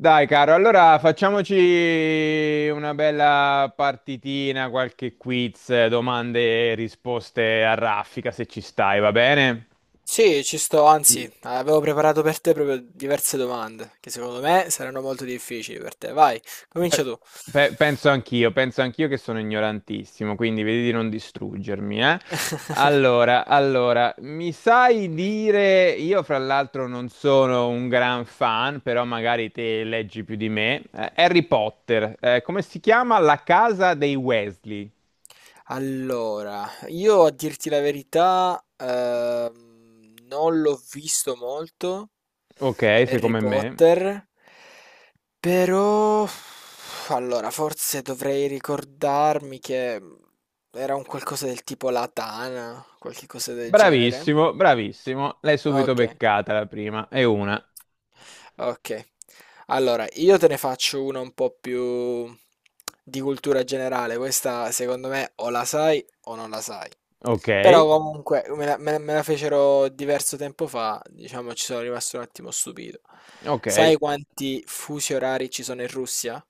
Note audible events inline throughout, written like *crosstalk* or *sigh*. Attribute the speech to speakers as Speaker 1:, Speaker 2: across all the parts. Speaker 1: Dai, caro, allora facciamoci una bella partitina, qualche quiz, domande e risposte a raffica, se ci stai, va bene?
Speaker 2: Sì, ci sto,
Speaker 1: Sì.
Speaker 2: anzi, avevo preparato per te proprio diverse domande, che secondo me saranno molto difficili per te. Vai, comincia
Speaker 1: Beh,
Speaker 2: tu.
Speaker 1: penso anch'io che sono ignorantissimo, quindi vedi di non distruggermi, eh.
Speaker 2: *laughs*
Speaker 1: Allora, mi sai dire, io fra l'altro non sono un gran fan, però magari te leggi più di me, Harry Potter, come si chiama? La casa dei Weasley.
Speaker 2: Allora, io a dirti la verità, non l'ho visto molto,
Speaker 1: Ok, sei
Speaker 2: Harry
Speaker 1: come me.
Speaker 2: Potter, però, allora, forse dovrei ricordarmi che era un qualcosa del tipo la tana, qualche cosa del genere.
Speaker 1: Bravissimo, bravissimo, l'hai subito
Speaker 2: Ok.
Speaker 1: beccata la prima, e una.
Speaker 2: Ok, allora io te ne faccio una un po' più di cultura generale. Questa secondo me o la sai o non la sai.
Speaker 1: Ok,
Speaker 2: Però comunque me la fecero diverso tempo fa, diciamo ci sono rimasto un attimo stupito.
Speaker 1: ok.
Speaker 2: Sai quanti fusi orari ci sono in Russia?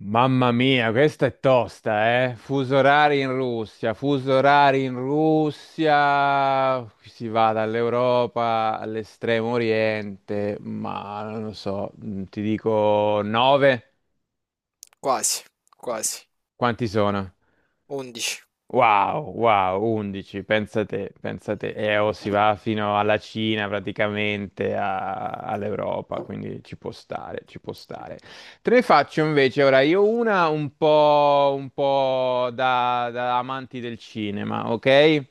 Speaker 1: Mamma mia, questa è tosta, eh? Fuso orari in Russia, fuso orari in Russia, si va dall'Europa all'estremo oriente, ma non lo so, ti dico 9,
Speaker 2: Quasi, quasi,
Speaker 1: quanti sono?
Speaker 2: 11.
Speaker 1: Wow, wow, 11, pensa te, e o si va fino alla Cina praticamente, all'Europa, quindi ci può stare, ci può stare. Te ne faccio invece ora io una un po' da amanti del cinema, ok?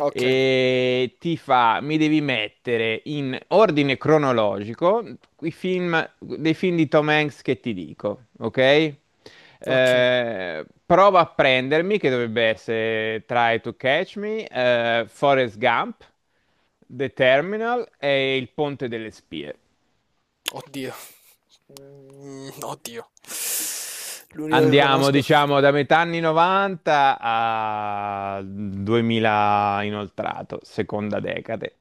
Speaker 2: Ok,
Speaker 1: Mi devi mettere in ordine cronologico dei film di Tom Hanks che ti dico, ok?
Speaker 2: ok.
Speaker 1: Prova a prendermi, che dovrebbe essere Try to Catch Me, Forrest Gump, The Terminal e Il Ponte delle Spie.
Speaker 2: Oddio. Oddio. L'unico che
Speaker 1: Andiamo,
Speaker 2: conosco...
Speaker 1: diciamo, da metà anni 90 a 2000 inoltrato, seconda decade.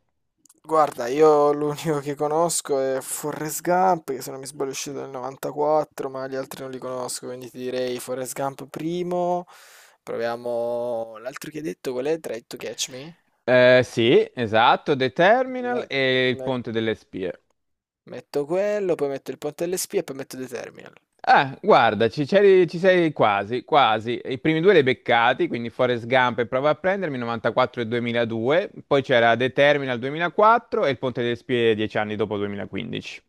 Speaker 2: Guarda, io l'unico che conosco è Forrest Gump, che se non mi sbaglio è uscito nel 94, ma gli altri non li conosco, quindi ti direi Forrest Gump primo. Proviamo l'altro che hai detto, qual è? Try to Catch Me?
Speaker 1: Sì, esatto, The Terminal
Speaker 2: Met-
Speaker 1: e il
Speaker 2: met-
Speaker 1: Ponte delle Spie.
Speaker 2: metto quello, poi metto il ponte delle spie e poi metto The Terminal.
Speaker 1: Ah, guarda, ci sei quasi, quasi. I primi due li hai beccati, quindi Forrest Gump e Prova a prendermi, 94 e 2002. Poi c'era The Terminal 2004 e il Ponte delle Spie 10 anni dopo 2015.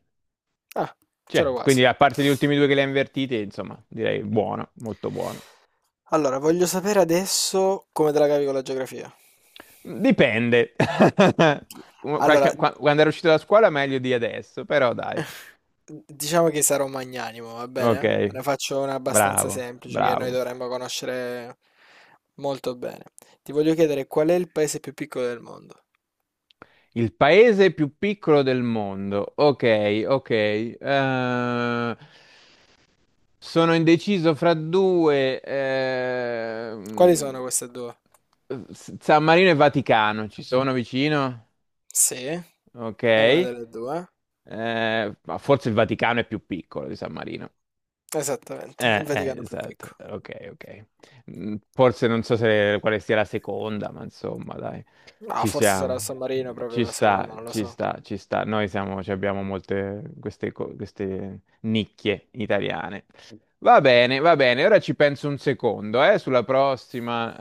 Speaker 2: Ah,
Speaker 1: Cioè,
Speaker 2: c'ero quasi.
Speaker 1: quindi a parte gli ultimi due che li hai invertiti, insomma, direi buono, molto buono.
Speaker 2: Allora, voglio sapere adesso come te la cavi con la geografia.
Speaker 1: Dipende. *laughs*
Speaker 2: Allora,
Speaker 1: Quando ero uscito da scuola meglio di adesso, però dai.
Speaker 2: diciamo che sarò magnanimo, va
Speaker 1: Ok,
Speaker 2: bene? Te ne faccio una abbastanza
Speaker 1: bravo,
Speaker 2: semplice che noi
Speaker 1: bravo.
Speaker 2: dovremmo conoscere molto bene. Ti voglio chiedere qual è il paese più piccolo del mondo?
Speaker 1: Il paese più piccolo del mondo. Ok, ok. Sono indeciso fra due.
Speaker 2: Quali
Speaker 1: ehm,
Speaker 2: sono queste due?
Speaker 1: S- San Marino e Vaticano ci sono vicino?
Speaker 2: Sì, è
Speaker 1: Ok.
Speaker 2: una delle due.
Speaker 1: Ma forse il Vaticano è più piccolo di San Marino.
Speaker 2: Esattamente, il Vaticano è più
Speaker 1: Esatto,
Speaker 2: piccolo.
Speaker 1: ok, ok. Forse non so se quale sia la seconda, ma insomma, dai,
Speaker 2: No,
Speaker 1: ci
Speaker 2: forse sarà il
Speaker 1: siamo.
Speaker 2: San Marino proprio
Speaker 1: Ci
Speaker 2: la
Speaker 1: sta,
Speaker 2: seconda, non lo
Speaker 1: ci
Speaker 2: so.
Speaker 1: sta, ci sta. Noi siamo, ci abbiamo molte queste, queste nicchie italiane. Va bene, ora ci penso un secondo, sulla prossima.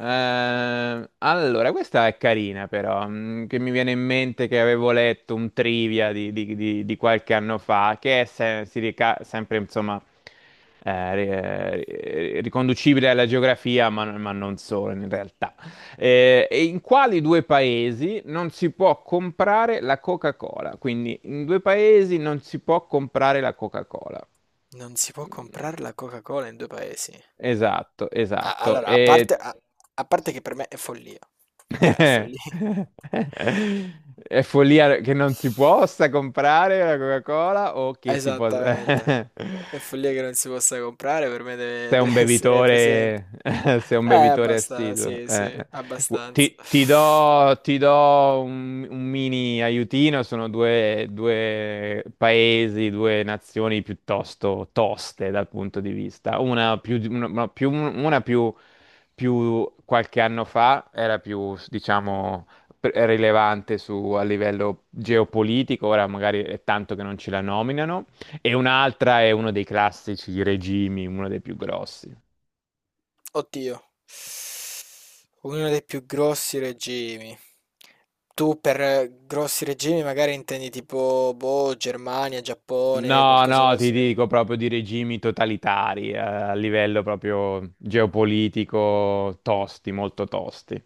Speaker 1: Allora, questa è carina però, che mi viene in mente che avevo letto un trivia di qualche anno fa, che è sempre, insomma, eh, riconducibile alla geografia, ma non solo in realtà. E in quali due paesi non si può comprare la Coca-Cola? Quindi, in due paesi non si può comprare la Coca-Cola.
Speaker 2: Non si può comprare la Coca-Cola in due paesi.
Speaker 1: Esatto,
Speaker 2: A-
Speaker 1: esatto.
Speaker 2: allora, a parte,
Speaker 1: E.
Speaker 2: a, a parte che per me è follia.
Speaker 1: *laughs*
Speaker 2: Cioè, è follia. *laughs*
Speaker 1: È follia che non si possa comprare la Coca-Cola o che si possa. *laughs*
Speaker 2: Esattamente. È follia che non si possa comprare, per me deve, *laughs*
Speaker 1: Sei un
Speaker 2: deve essere presente.
Speaker 1: bevitore, *laughs* sei un bevitore
Speaker 2: Abbastanza,
Speaker 1: assiduo.
Speaker 2: sì, sì, abbastanza.
Speaker 1: Ti do un mini aiutino, sono due paesi, due nazioni piuttosto toste dal punto di vista. Una più, di- una più- Più qualche anno fa era più, diciamo, rilevante a livello geopolitico, ora magari è tanto che non ce la nominano. E un'altra è uno dei classici regimi, uno dei più grossi.
Speaker 2: Oddio, uno dei più grossi regimi. Tu per grossi regimi magari intendi tipo, boh, Germania, Giappone,
Speaker 1: No,
Speaker 2: qualcosa
Speaker 1: no, ti
Speaker 2: così.
Speaker 1: dico proprio di regimi totalitari, a livello proprio geopolitico, tosti, molto tosti.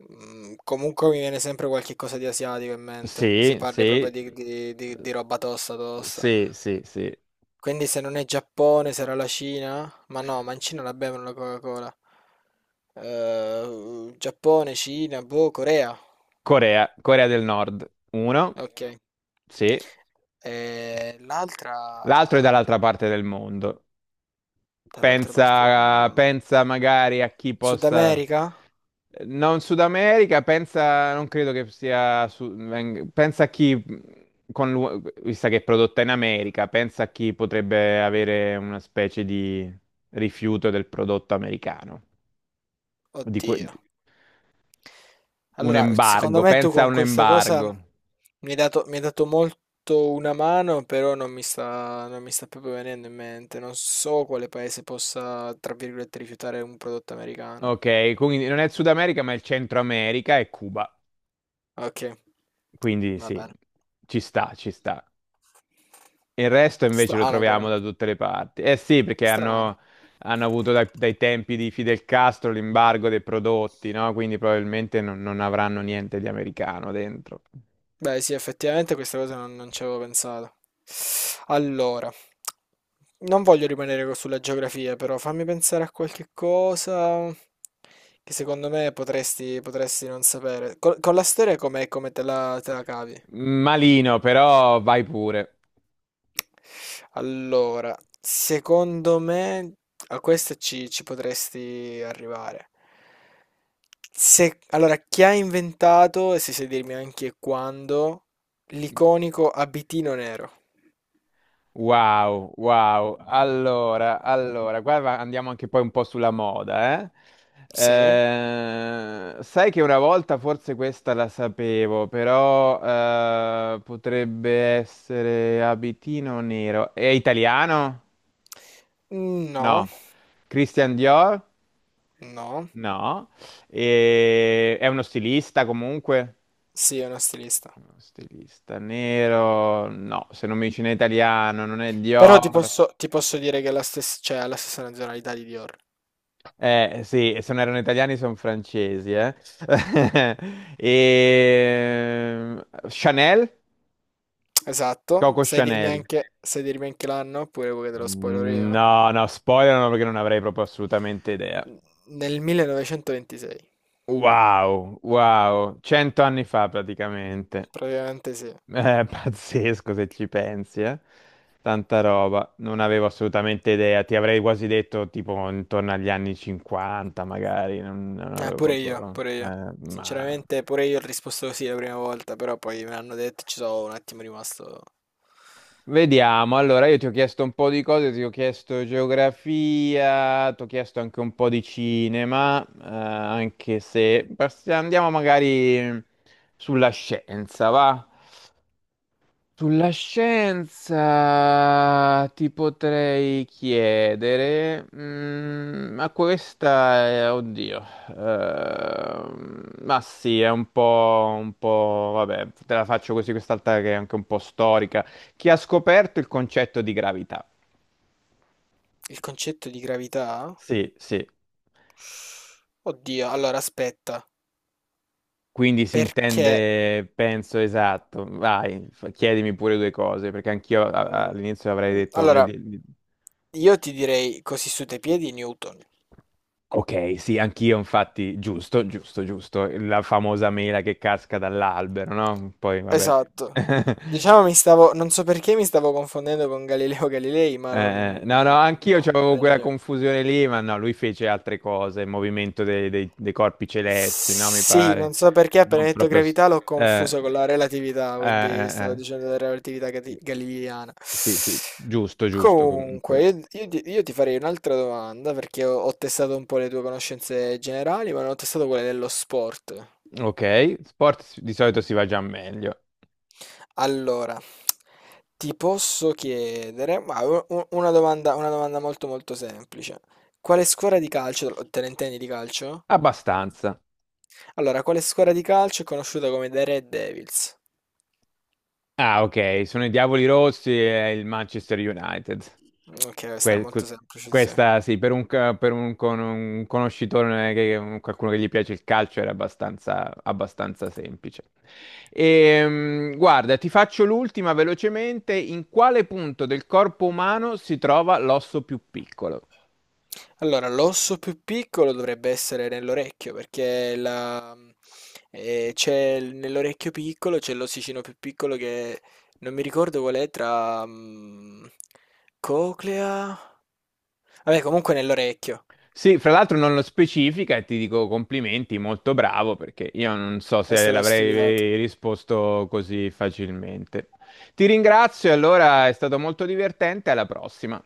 Speaker 2: Mm, comunque mi viene sempre qualche cosa di asiatico in mente, se
Speaker 1: Sì,
Speaker 2: parli
Speaker 1: sì,
Speaker 2: proprio di, di roba tosta tosta.
Speaker 1: sì, sì, sì.
Speaker 2: Quindi se non è Giappone, sarà la Cina? Ma no, ma in Cina la bevono la Coca-Cola. Giappone, Cina, boh, Corea.
Speaker 1: Corea, Corea del Nord, uno,
Speaker 2: Ok.
Speaker 1: sì.
Speaker 2: L'altra
Speaker 1: L'altro è dall'altra parte del mondo.
Speaker 2: dall'altra parte del
Speaker 1: Pensa,
Speaker 2: mondo.
Speaker 1: pensa magari a chi
Speaker 2: Sud
Speaker 1: possa.
Speaker 2: America?
Speaker 1: Non Sud America, pensa, non credo che sia, pensa a chi, con vista che è prodotta in America, pensa a chi potrebbe avere una specie di rifiuto del prodotto americano, di que-
Speaker 2: Oddio.
Speaker 1: un
Speaker 2: Allora, secondo
Speaker 1: embargo,
Speaker 2: me tu
Speaker 1: pensa a
Speaker 2: con
Speaker 1: un
Speaker 2: questa cosa
Speaker 1: embargo.
Speaker 2: mi hai dato molto una mano, però non mi sta proprio venendo in mente. Non so quale paese possa, tra virgolette, rifiutare un prodotto americano.
Speaker 1: Ok, quindi non è il Sud America, ma è il Centro America e Cuba,
Speaker 2: Ok,
Speaker 1: quindi
Speaker 2: va
Speaker 1: sì,
Speaker 2: bene.
Speaker 1: ci sta, ci sta. Il resto invece lo
Speaker 2: Strano
Speaker 1: troviamo
Speaker 2: però.
Speaker 1: da tutte le parti. Eh sì, perché
Speaker 2: Strano.
Speaker 1: hanno avuto dai tempi di Fidel Castro l'embargo dei prodotti, no? Quindi probabilmente non avranno niente di americano dentro.
Speaker 2: Beh, sì, effettivamente questa cosa non ci avevo pensato. Allora, non voglio rimanere sulla geografia, però fammi pensare a qualche cosa che secondo me potresti non sapere. Con, la storia com'è, come te la cavi?
Speaker 1: Malino, però vai pure.
Speaker 2: Allora, secondo me a questa ci potresti arrivare. Se, allora, chi ha inventato, e se sai dirmi anche quando, l'iconico abitino nero?
Speaker 1: Wow, wow. Allora, qua andiamo anche poi un po' sulla moda, eh?
Speaker 2: Sì,
Speaker 1: Sai che una volta forse questa la sapevo, però potrebbe essere abitino nero. È italiano?
Speaker 2: no,
Speaker 1: No. Christian Dior?
Speaker 2: no,
Speaker 1: No. È uno stilista comunque?
Speaker 2: sì, è una stilista.
Speaker 1: Uno stilista nero? No, se non mi dice in italiano, non è
Speaker 2: Però
Speaker 1: Dior.
Speaker 2: ti posso dire che è la stessa, cioè, ha la stessa nazionalità di Dior.
Speaker 1: Eh sì, e se non erano italiani sono francesi, eh. *laughs* E Chanel?
Speaker 2: Esatto,
Speaker 1: Coco Chanel.
Speaker 2: sai dirmi anche l'anno oppure vuoi che te lo spoiler io?
Speaker 1: No, no, spoilerano perché non avrei proprio assolutamente idea.
Speaker 2: N- Nel 1926,
Speaker 1: Wow, wow, 100 anni fa praticamente.
Speaker 2: praticamente sì.
Speaker 1: *laughs* Pazzesco se ci pensi, eh. Tanta roba, non avevo assolutamente idea, ti avrei quasi detto tipo intorno agli anni 50 magari, non avevo
Speaker 2: Pure io,
Speaker 1: proprio,
Speaker 2: pure io.
Speaker 1: ma.
Speaker 2: Sinceramente, pure io ho risposto così la prima volta, però poi me l'hanno detto e ci sono un attimo rimasto.
Speaker 1: Vediamo, allora io ti ho chiesto un po' di cose, ti ho chiesto geografia, ti ho chiesto anche un po' di cinema, anche se andiamo magari sulla scienza, va? Sulla scienza ti potrei chiedere, ma questa è, oddio, ma sì, è un po', vabbè, te la faccio così quest'altra che è anche un po' storica. Chi ha scoperto il concetto di gravità?
Speaker 2: Il concetto di gravità?
Speaker 1: Sì, sì.
Speaker 2: Oddio, allora aspetta.
Speaker 1: Quindi si
Speaker 2: Perché?
Speaker 1: intende, penso, esatto. Vai, chiedimi pure due cose, perché anch'io
Speaker 2: Mh,
Speaker 1: all'inizio avrei detto.
Speaker 2: allora io ti direi così su dei piedi Newton.
Speaker 1: Ok, sì, anch'io infatti, giusto, giusto, giusto, la famosa mela che casca dall'albero, no? Poi vabbè.
Speaker 2: Esatto. Diciamo
Speaker 1: *laughs*
Speaker 2: mi stavo non so perché mi stavo confondendo con Galileo Galilei, ma non
Speaker 1: No, no, anch'io
Speaker 2: no,
Speaker 1: avevo quella confusione lì, ma no, lui fece altre cose, il movimento dei corpi celesti, no? Mi
Speaker 2: Sì,
Speaker 1: pare.
Speaker 2: non so perché appena
Speaker 1: Non
Speaker 2: hai detto
Speaker 1: proprio.
Speaker 2: gravità l'ho
Speaker 1: Eh,
Speaker 2: confuso con la relatività,
Speaker 1: eh,
Speaker 2: quindi stavo
Speaker 1: eh,
Speaker 2: dicendo della relatività
Speaker 1: eh.
Speaker 2: galileiana.
Speaker 1: Sì, sì, giusto, giusto comunque.
Speaker 2: Comunque, io ti farei un'altra domanda perché ho testato un po' le tue conoscenze generali, ma non ho testato quelle dello sport.
Speaker 1: Ok, sport di solito si va già meglio,
Speaker 2: Allora, ti posso chiedere, ma una domanda molto molto semplice. Quale squadra di calcio, te ne intendi di calcio?
Speaker 1: abbastanza.
Speaker 2: Allora, quale squadra di calcio è conosciuta come The Red Devils?
Speaker 1: Ah, ok, sono i Diavoli Rossi e il Manchester United.
Speaker 2: Ok, questa era
Speaker 1: Que-
Speaker 2: molto
Speaker 1: que-
Speaker 2: semplice, sì, sì.
Speaker 1: Questa sì, per un conoscitore, qualcuno che gli piace il calcio, era abbastanza, abbastanza semplice. Guarda, ti faccio l'ultima velocemente. In quale punto del corpo umano si trova l'osso più piccolo?
Speaker 2: Allora, l'osso più piccolo dovrebbe essere nell'orecchio, perché c'è nell'orecchio piccolo c'è l'ossicino più piccolo che non mi ricordo qual è tra coclea. Vabbè, comunque nell'orecchio.
Speaker 1: Sì, fra l'altro non lo specifica e ti dico complimenti, molto bravo, perché io non so se
Speaker 2: Essere studiato
Speaker 1: l'avrei risposto così facilmente. Ti ringrazio, allora è stato molto divertente, alla prossima.